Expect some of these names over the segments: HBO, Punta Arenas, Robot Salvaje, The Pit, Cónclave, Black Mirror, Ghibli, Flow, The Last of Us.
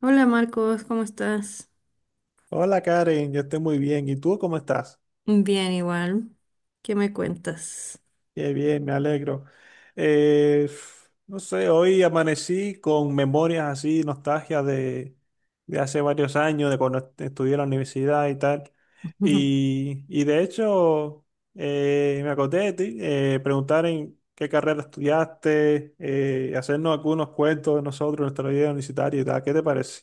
Hola Marcos, ¿cómo estás? Hola Karen, yo estoy muy bien. ¿Y tú cómo estás? Bien, igual. ¿Qué me cuentas? Qué bien, me alegro. No sé, hoy amanecí con memorias así, nostalgia de hace varios años, de cuando estudié en la universidad y tal. Y de hecho, me acordé de ti, preguntar en qué carrera estudiaste, hacernos algunos cuentos de nosotros, nuestra vida universitaria y tal. ¿Qué te parece?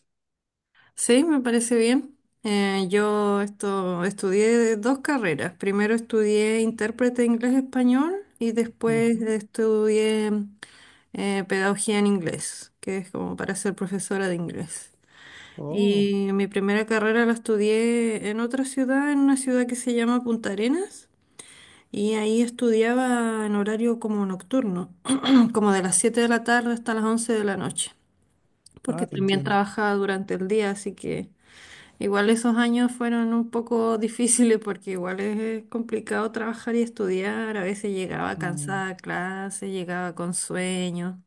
Sí, me parece bien. Yo esto, estudié dos carreras. Primero estudié intérprete inglés-español y después Ujú. estudié pedagogía en inglés, que es como para ser profesora de inglés. Oh, Y mi primera carrera la estudié en otra ciudad, en una ciudad que se llama Punta Arenas. Y ahí estudiaba en horario como nocturno, como de las 7 de la tarde hasta las 11 de la noche, porque ah, te también entiendo. trabajaba durante el día, así que igual esos años fueron un poco difíciles porque igual es complicado trabajar y estudiar, a veces llegaba Mm, cansada a clase, llegaba con sueño,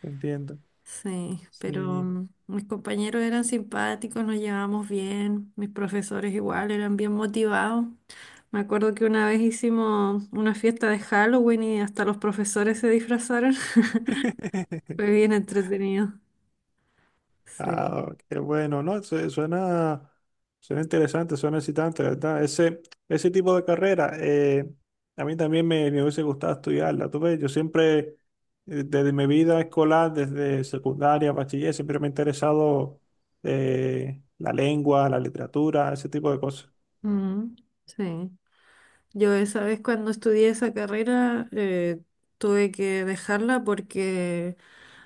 te entiendo. sí, pero Sí. Mis compañeros eran simpáticos, nos llevábamos bien, mis profesores igual eran bien motivados. Me acuerdo que una vez hicimos una fiesta de Halloween y hasta los profesores se disfrazaron. Fue bien entretenido. Sí. Ah, qué bueno, ¿no? Suena, suena interesante, suena excitante, ¿la verdad? Ese tipo de carrera, a mí también me hubiese gustado estudiarla. Tú ves, yo siempre, desde mi vida escolar, desde secundaria, bachiller, siempre me ha interesado la lengua, la literatura, ese tipo de cosas. Mm, sí. Yo esa vez cuando estudié esa carrera tuve que dejarla porque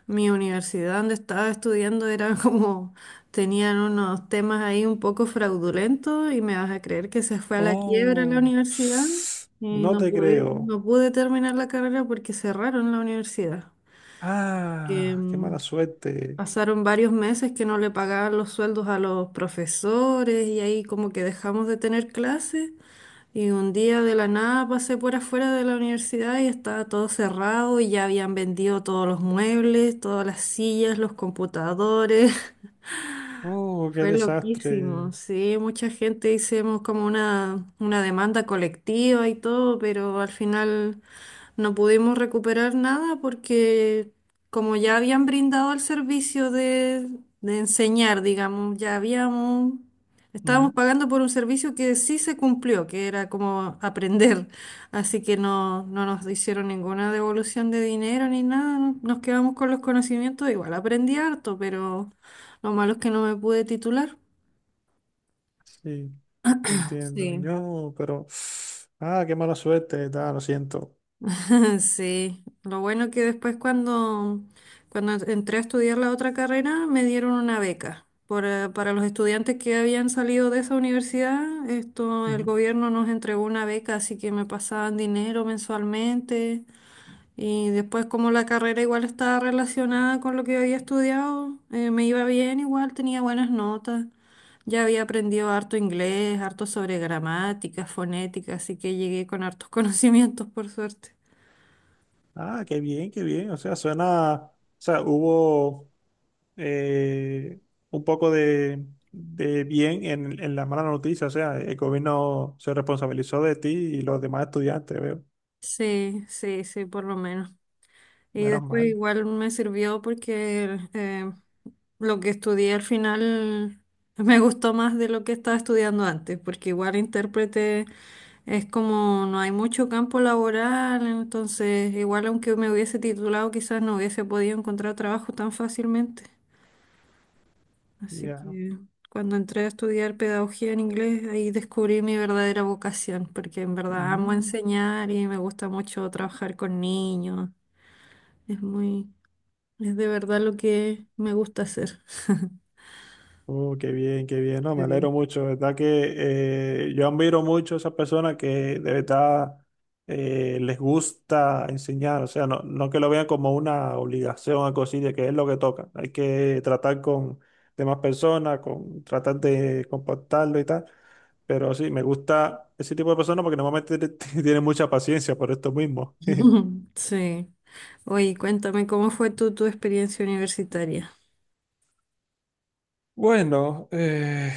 mi universidad donde estaba estudiando era como, tenían unos temas ahí un poco fraudulentos y me vas a creer que se fue a la quiebra la Oh, universidad y no te creo. no pude terminar la carrera porque cerraron la universidad. que Ah, qué mala mm, suerte. Pasaron varios meses que no le pagaban los sueldos a los profesores y ahí como que dejamos de tener clases y un día de la nada pasé por afuera de la universidad y estaba todo cerrado y ya habían vendido todos los muebles, todas las sillas, los computadores. Oh, qué Fue desastre. loquísimo, sí, mucha gente hicimos como una demanda colectiva y todo, pero al final no pudimos recuperar nada porque como ya habían brindado el servicio de enseñar, digamos, estábamos pagando por un servicio que sí se cumplió, que era como aprender, así que no nos hicieron ninguna devolución de dinero ni nada, nos quedamos con los conocimientos, igual aprendí harto, pero... Lo malo es que no me pude titular. Sí, entiendo. Sí. Ah, qué mala suerte, tal, lo siento. Sí, lo bueno que después cuando entré a estudiar la otra carrera me dieron una beca. Para los estudiantes que habían salido de esa universidad, esto, el Ujú. gobierno nos entregó una beca, así que me pasaban dinero mensualmente. Y después como la carrera igual estaba relacionada con lo que yo había estudiado, me iba bien igual, tenía buenas notas. Ya había aprendido harto inglés, harto sobre gramática, fonética, así que llegué con hartos conocimientos por suerte. Ah, qué bien, qué bien. O sea, suena, o sea, hubo eh, un poco de bien en la mala noticia. O sea, el gobierno se responsabilizó de ti y los demás estudiantes, veo. Sí, sí, sí, por lo menos. Y Menos después mal. igual me sirvió porque lo que estudié al final me gustó más de lo que estaba estudiando antes, porque igual intérprete es como no hay mucho campo laboral, entonces igual aunque me hubiese titulado quizás no hubiese podido encontrar trabajo tan fácilmente. Así Ya. que cuando entré a estudiar pedagogía en inglés, ahí descubrí mi verdadera vocación, porque en verdad amo Mm, enseñar y me gusta mucho trabajar con niños. Es muy, es de verdad lo que me gusta hacer. uh, qué bien, qué bien. No, me Ok. alegro mucho. De verdad que yo admiro mucho a esas personas que de verdad les gusta enseñar. O sea, no, no que lo vean como una obligación a cosilla, que es lo que toca. Hay que tratar con demás personas, con tratar de comportarlo y tal. Pero sí, me gusta ese tipo de personas porque normalmente tienen mucha paciencia por esto mismo. Sí. Oye, cuéntame, ¿cómo fue tu experiencia universitaria? Bueno,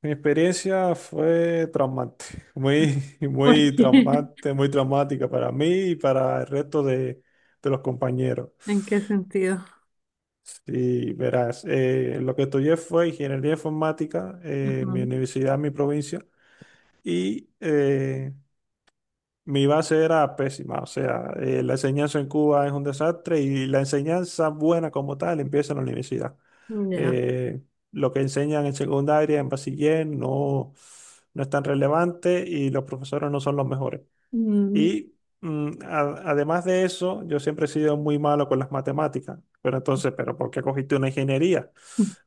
mi experiencia fue traumante, muy, ¿Por muy qué? traumante, muy traumática para mí y para el resto de los compañeros. ¿En qué sentido? Sí, verás, lo que estudié fue ingeniería informática Ajá. en mi universidad, en mi provincia, y mi base era pésima, o sea, la enseñanza en Cuba es un desastre y la enseñanza buena como tal empieza en la universidad. Ya. Eh, lo que enseñan en secundaria, en bachiller, no, no es tan relevante y los profesores no son los mejores. Mm. Y además de eso, yo siempre he sido muy malo con las matemáticas. Pero entonces, ¿pero por qué cogiste una ingeniería?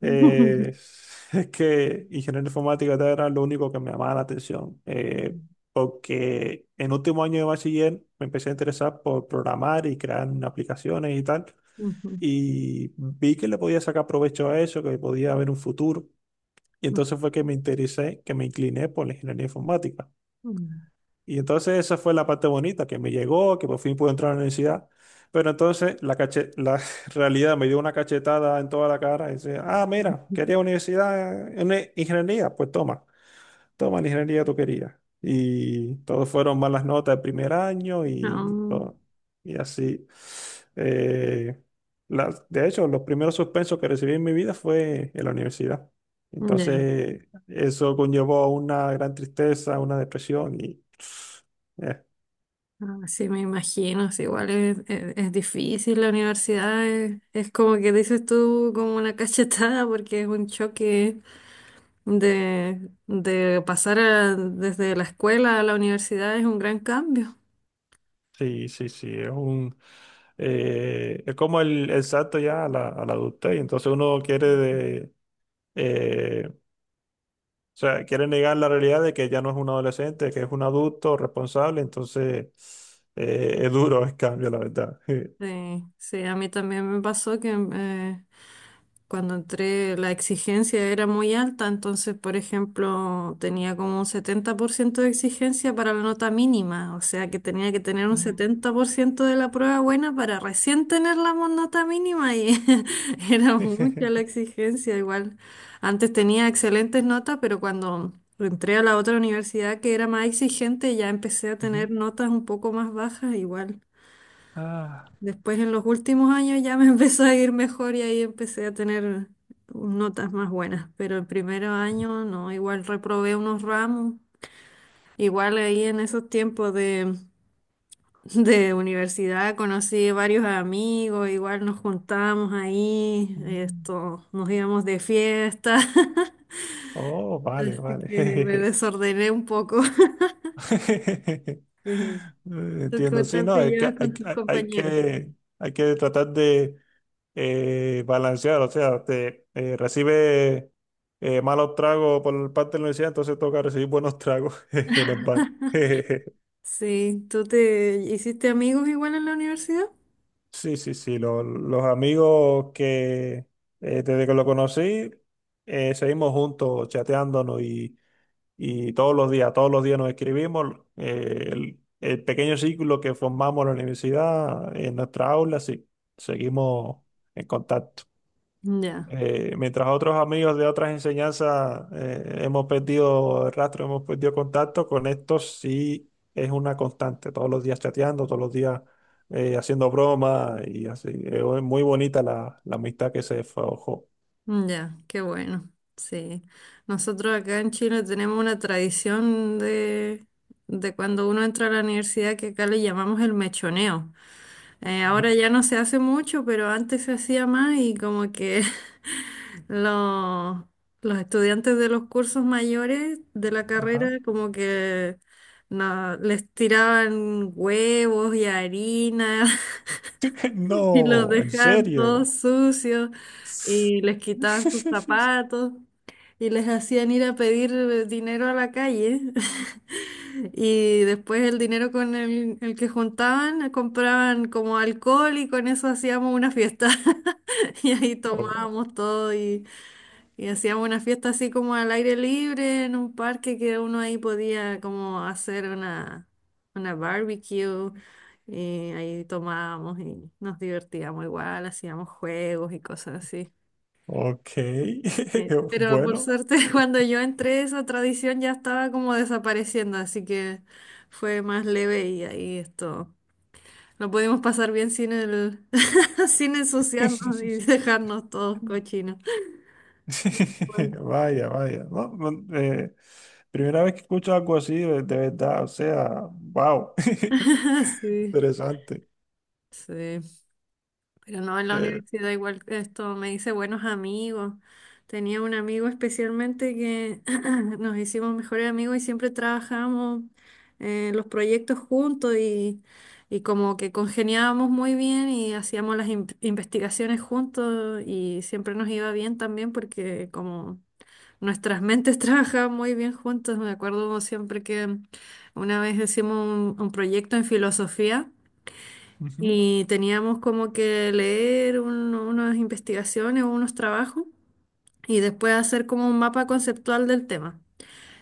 Eh, es que ingeniería informática era lo único que me llamaba la atención. Porque en último año de bachiller me empecé a interesar por programar y crear aplicaciones y tal. Ujú, Y vi que le podía sacar provecho a eso, que podía haber un futuro. Y entonces fue que me interesé, que me incliné por la ingeniería informática. ujú, Y entonces esa fue la parte bonita, que me llegó, que por fin pude entrar a la universidad. Pero entonces la realidad me dio una cachetada en toda la cara y decía, ah, mira, ujú. quería universidad en ingeniería, pues toma toma la ingeniería tú querías. Y todos fueron malas notas de primer año y No, todo. Y así. Eh, de hecho, los primeros suspensos que recibí en mi vida fue en la universidad. ya. Entonces, eso conllevó a una gran tristeza, una depresión y... eh, Ah, sí, me imagino, sí, igual es, es difícil la universidad, es como que dices tú, como una cachetada, porque es un choque de pasar desde la escuela a la universidad, es un gran cambio. sí, sí, es un es como el salto ya a la adultez, y entonces uno quiere eh, o sea, quiere negar la realidad de que ya no es un adolescente, que es un adulto responsable, entonces es duro el cambio, la verdad. Sí, sí, a mí también me pasó que cuando entré la exigencia era muy alta, entonces, por ejemplo, tenía como un 70% de exigencia para la nota mínima, o sea que tenía que tener un Mm, 70% de la prueba buena para recién tener la nota mínima y era mucha la exigencia igual. Antes tenía excelentes notas, pero cuando entré a la otra universidad que era más exigente, ya empecé a ujú. tener notas un poco más bajas igual. Ah, Después en los últimos años ya me empezó a ir mejor y ahí empecé a tener notas más buenas, pero el primer año no, igual reprobé unos ramos, igual ahí en esos tiempos de universidad conocí varios amigos, igual nos juntábamos ahí, mm. esto, nos íbamos de fiesta, Oh, vale, así vale. que me desordené un poco. Sí. ¿Tú qué Entiendo, sí, tal no, te llevas con tus compañeros? Hay que tratar de balancear, o sea, te recibe malos tragos por parte de la universidad, entonces toca recibir buenos tragos en el bar. Sí, ¿tú te hiciste amigos igual en la universidad? Sí, sí, sí, los amigos que desde que lo conocí, seguimos juntos chateándonos y todos los días nos escribimos. El el pequeño círculo que formamos en la universidad, en nuestra aula, sí, seguimos en contacto. Ya. Mientras otros amigos de otras enseñanzas hemos perdido el rastro, hemos perdido contacto, con estos sí es una constante, todos los días chateando, todos los días haciendo bromas y así. Es muy bonita la, la amistad que se forjó. Mm, ya, qué bueno. Sí. Nosotros acá en Chile tenemos una tradición de cuando uno entra a la universidad que acá le llamamos el mechoneo. Ujú. Ahora ya no se hace mucho, pero antes se hacía más y como que los, los estudiantes de los cursos mayores de la Ajá. carrera como que no, les tiraban huevos y harina y los No, en dejaban serio. todos sucios y les quitaban sus zapatos y les hacían ir a pedir dinero a la calle. Y después el dinero con el que juntaban compraban como alcohol y con eso hacíamos una fiesta. Y ahí O- tomábamos todo y hacíamos una fiesta así como al aire libre en un parque que uno ahí podía como hacer una barbecue y ahí tomábamos y nos divertíamos igual, hacíamos juegos y cosas así. Ok, Pero por bueno. suerte cuando yo entré esa tradición ya estaba como desapareciendo, así que fue más leve y ahí esto. Lo pudimos pasar bien sin sin ensuciarnos y dejarnos todos cochinos. Bueno. Vaya, vaya. No, no, eh, primera vez que escucho algo así, de verdad, o sea, wow. Sí, Interesante. sí. Pero no, en la Eh, universidad igual esto me hice buenos amigos. Tenía un amigo especialmente que nos hicimos mejores amigos y siempre trabajamos en los proyectos juntos y como que congeniábamos muy bien y hacíamos las investigaciones juntos y siempre nos iba bien también porque como nuestras mentes trabajaban muy bien juntos, me acuerdo siempre que una vez hicimos un proyecto en filosofía ujú. y teníamos como que leer unas investigaciones o unos trabajos y después hacer como un mapa conceptual del tema.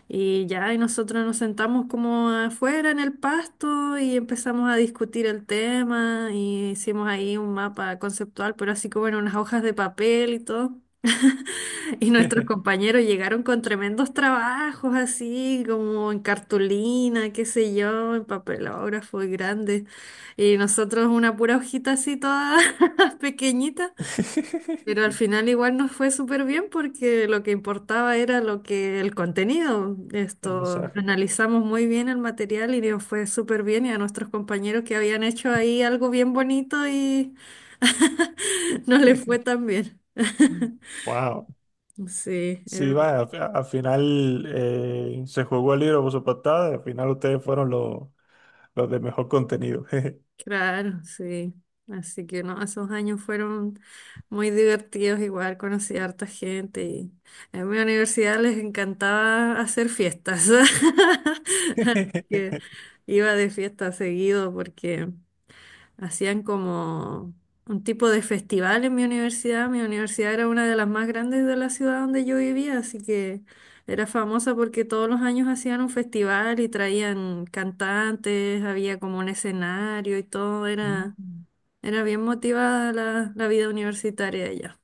Y ya, y nosotros nos sentamos como afuera en el pasto y empezamos a discutir el tema y hicimos ahí un mapa conceptual, pero así como en unas hojas de papel y todo. Y nuestros compañeros llegaron con tremendos trabajos así, como en cartulina, qué sé yo, en papelógrafo y grandes. Y nosotros una pura hojita así toda pequeñita. Pero al final igual nos fue súper bien porque lo que importaba era lo que el contenido. El Esto, mensaje. analizamos muy bien el material y nos fue súper bien. Y a nuestros compañeros que habían hecho ahí algo bien bonito y no les fue tan bien. Wow. Sí, Sí, era vaya, al final se jugó el libro por su portada, y al final ustedes fueron los de mejor contenido. claro, sí. Así que no, esos años fueron muy divertidos, igual conocí a harta gente y en mi universidad les encantaba hacer fiestas. Así que iba de fiesta seguido porque hacían como un tipo de festival en mi universidad. Mi universidad era una de las más grandes de la ciudad donde yo vivía, así que era famosa porque todos los años hacían un festival y traían cantantes, había como un escenario y todo. Era, Mm. era bien motivada la vida universitaria allá.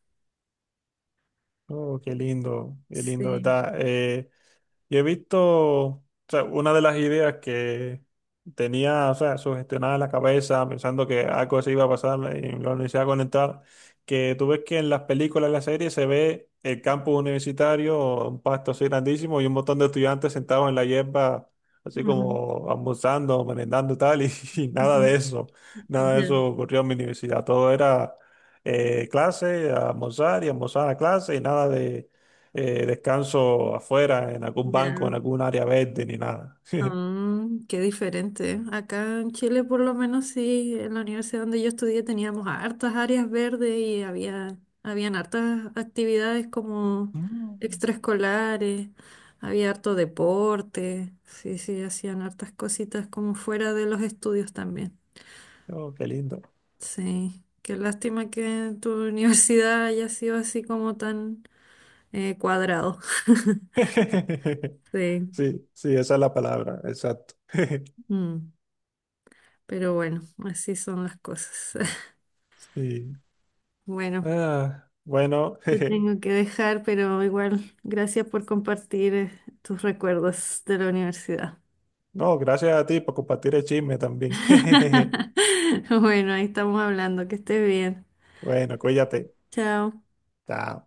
Oh, qué lindo, Sí. ¿verdad? Y he visto, o sea, una de las ideas que tenía, o sea, sugestionada en la cabeza, pensando que algo así iba a pasar en la universidad a conectar, que tú ves que en las películas, en las series, se ve el campus universitario, un pasto así grandísimo y un montón de estudiantes sentados en la hierba, así Ujú, como almorzando, merendando y tal, y, y nada ujú. de eso, nada de Ya, eso ocurrió en mi universidad. Todo era clase, almorzar y almorzar a clase y nada descanso afuera, en algún ya. banco, en algún área verde, ni nada. Mm, qué diferente. Acá en Chile, por lo menos, sí, en la universidad donde yo estudié teníamos hartas áreas verdes y habían hartas actividades como Mm, extraescolares, había harto deporte, sí, sí, hacían hartas cositas como fuera de los estudios también. oh, qué lindo. Sí, qué lástima que tu universidad haya sido así como tan cuadrado. Sí, Sí, sí, esa es la palabra, exacto. mm, pero bueno, así son las cosas. Sí. Bueno. Ah, bueno, Te tengo que dejar, pero igual, gracias por compartir tus recuerdos de la universidad. no, gracias a ti por compartir el chisme también. Bueno, ahí estamos hablando, que estés bien. Bueno, cuídate. Chao. Chao.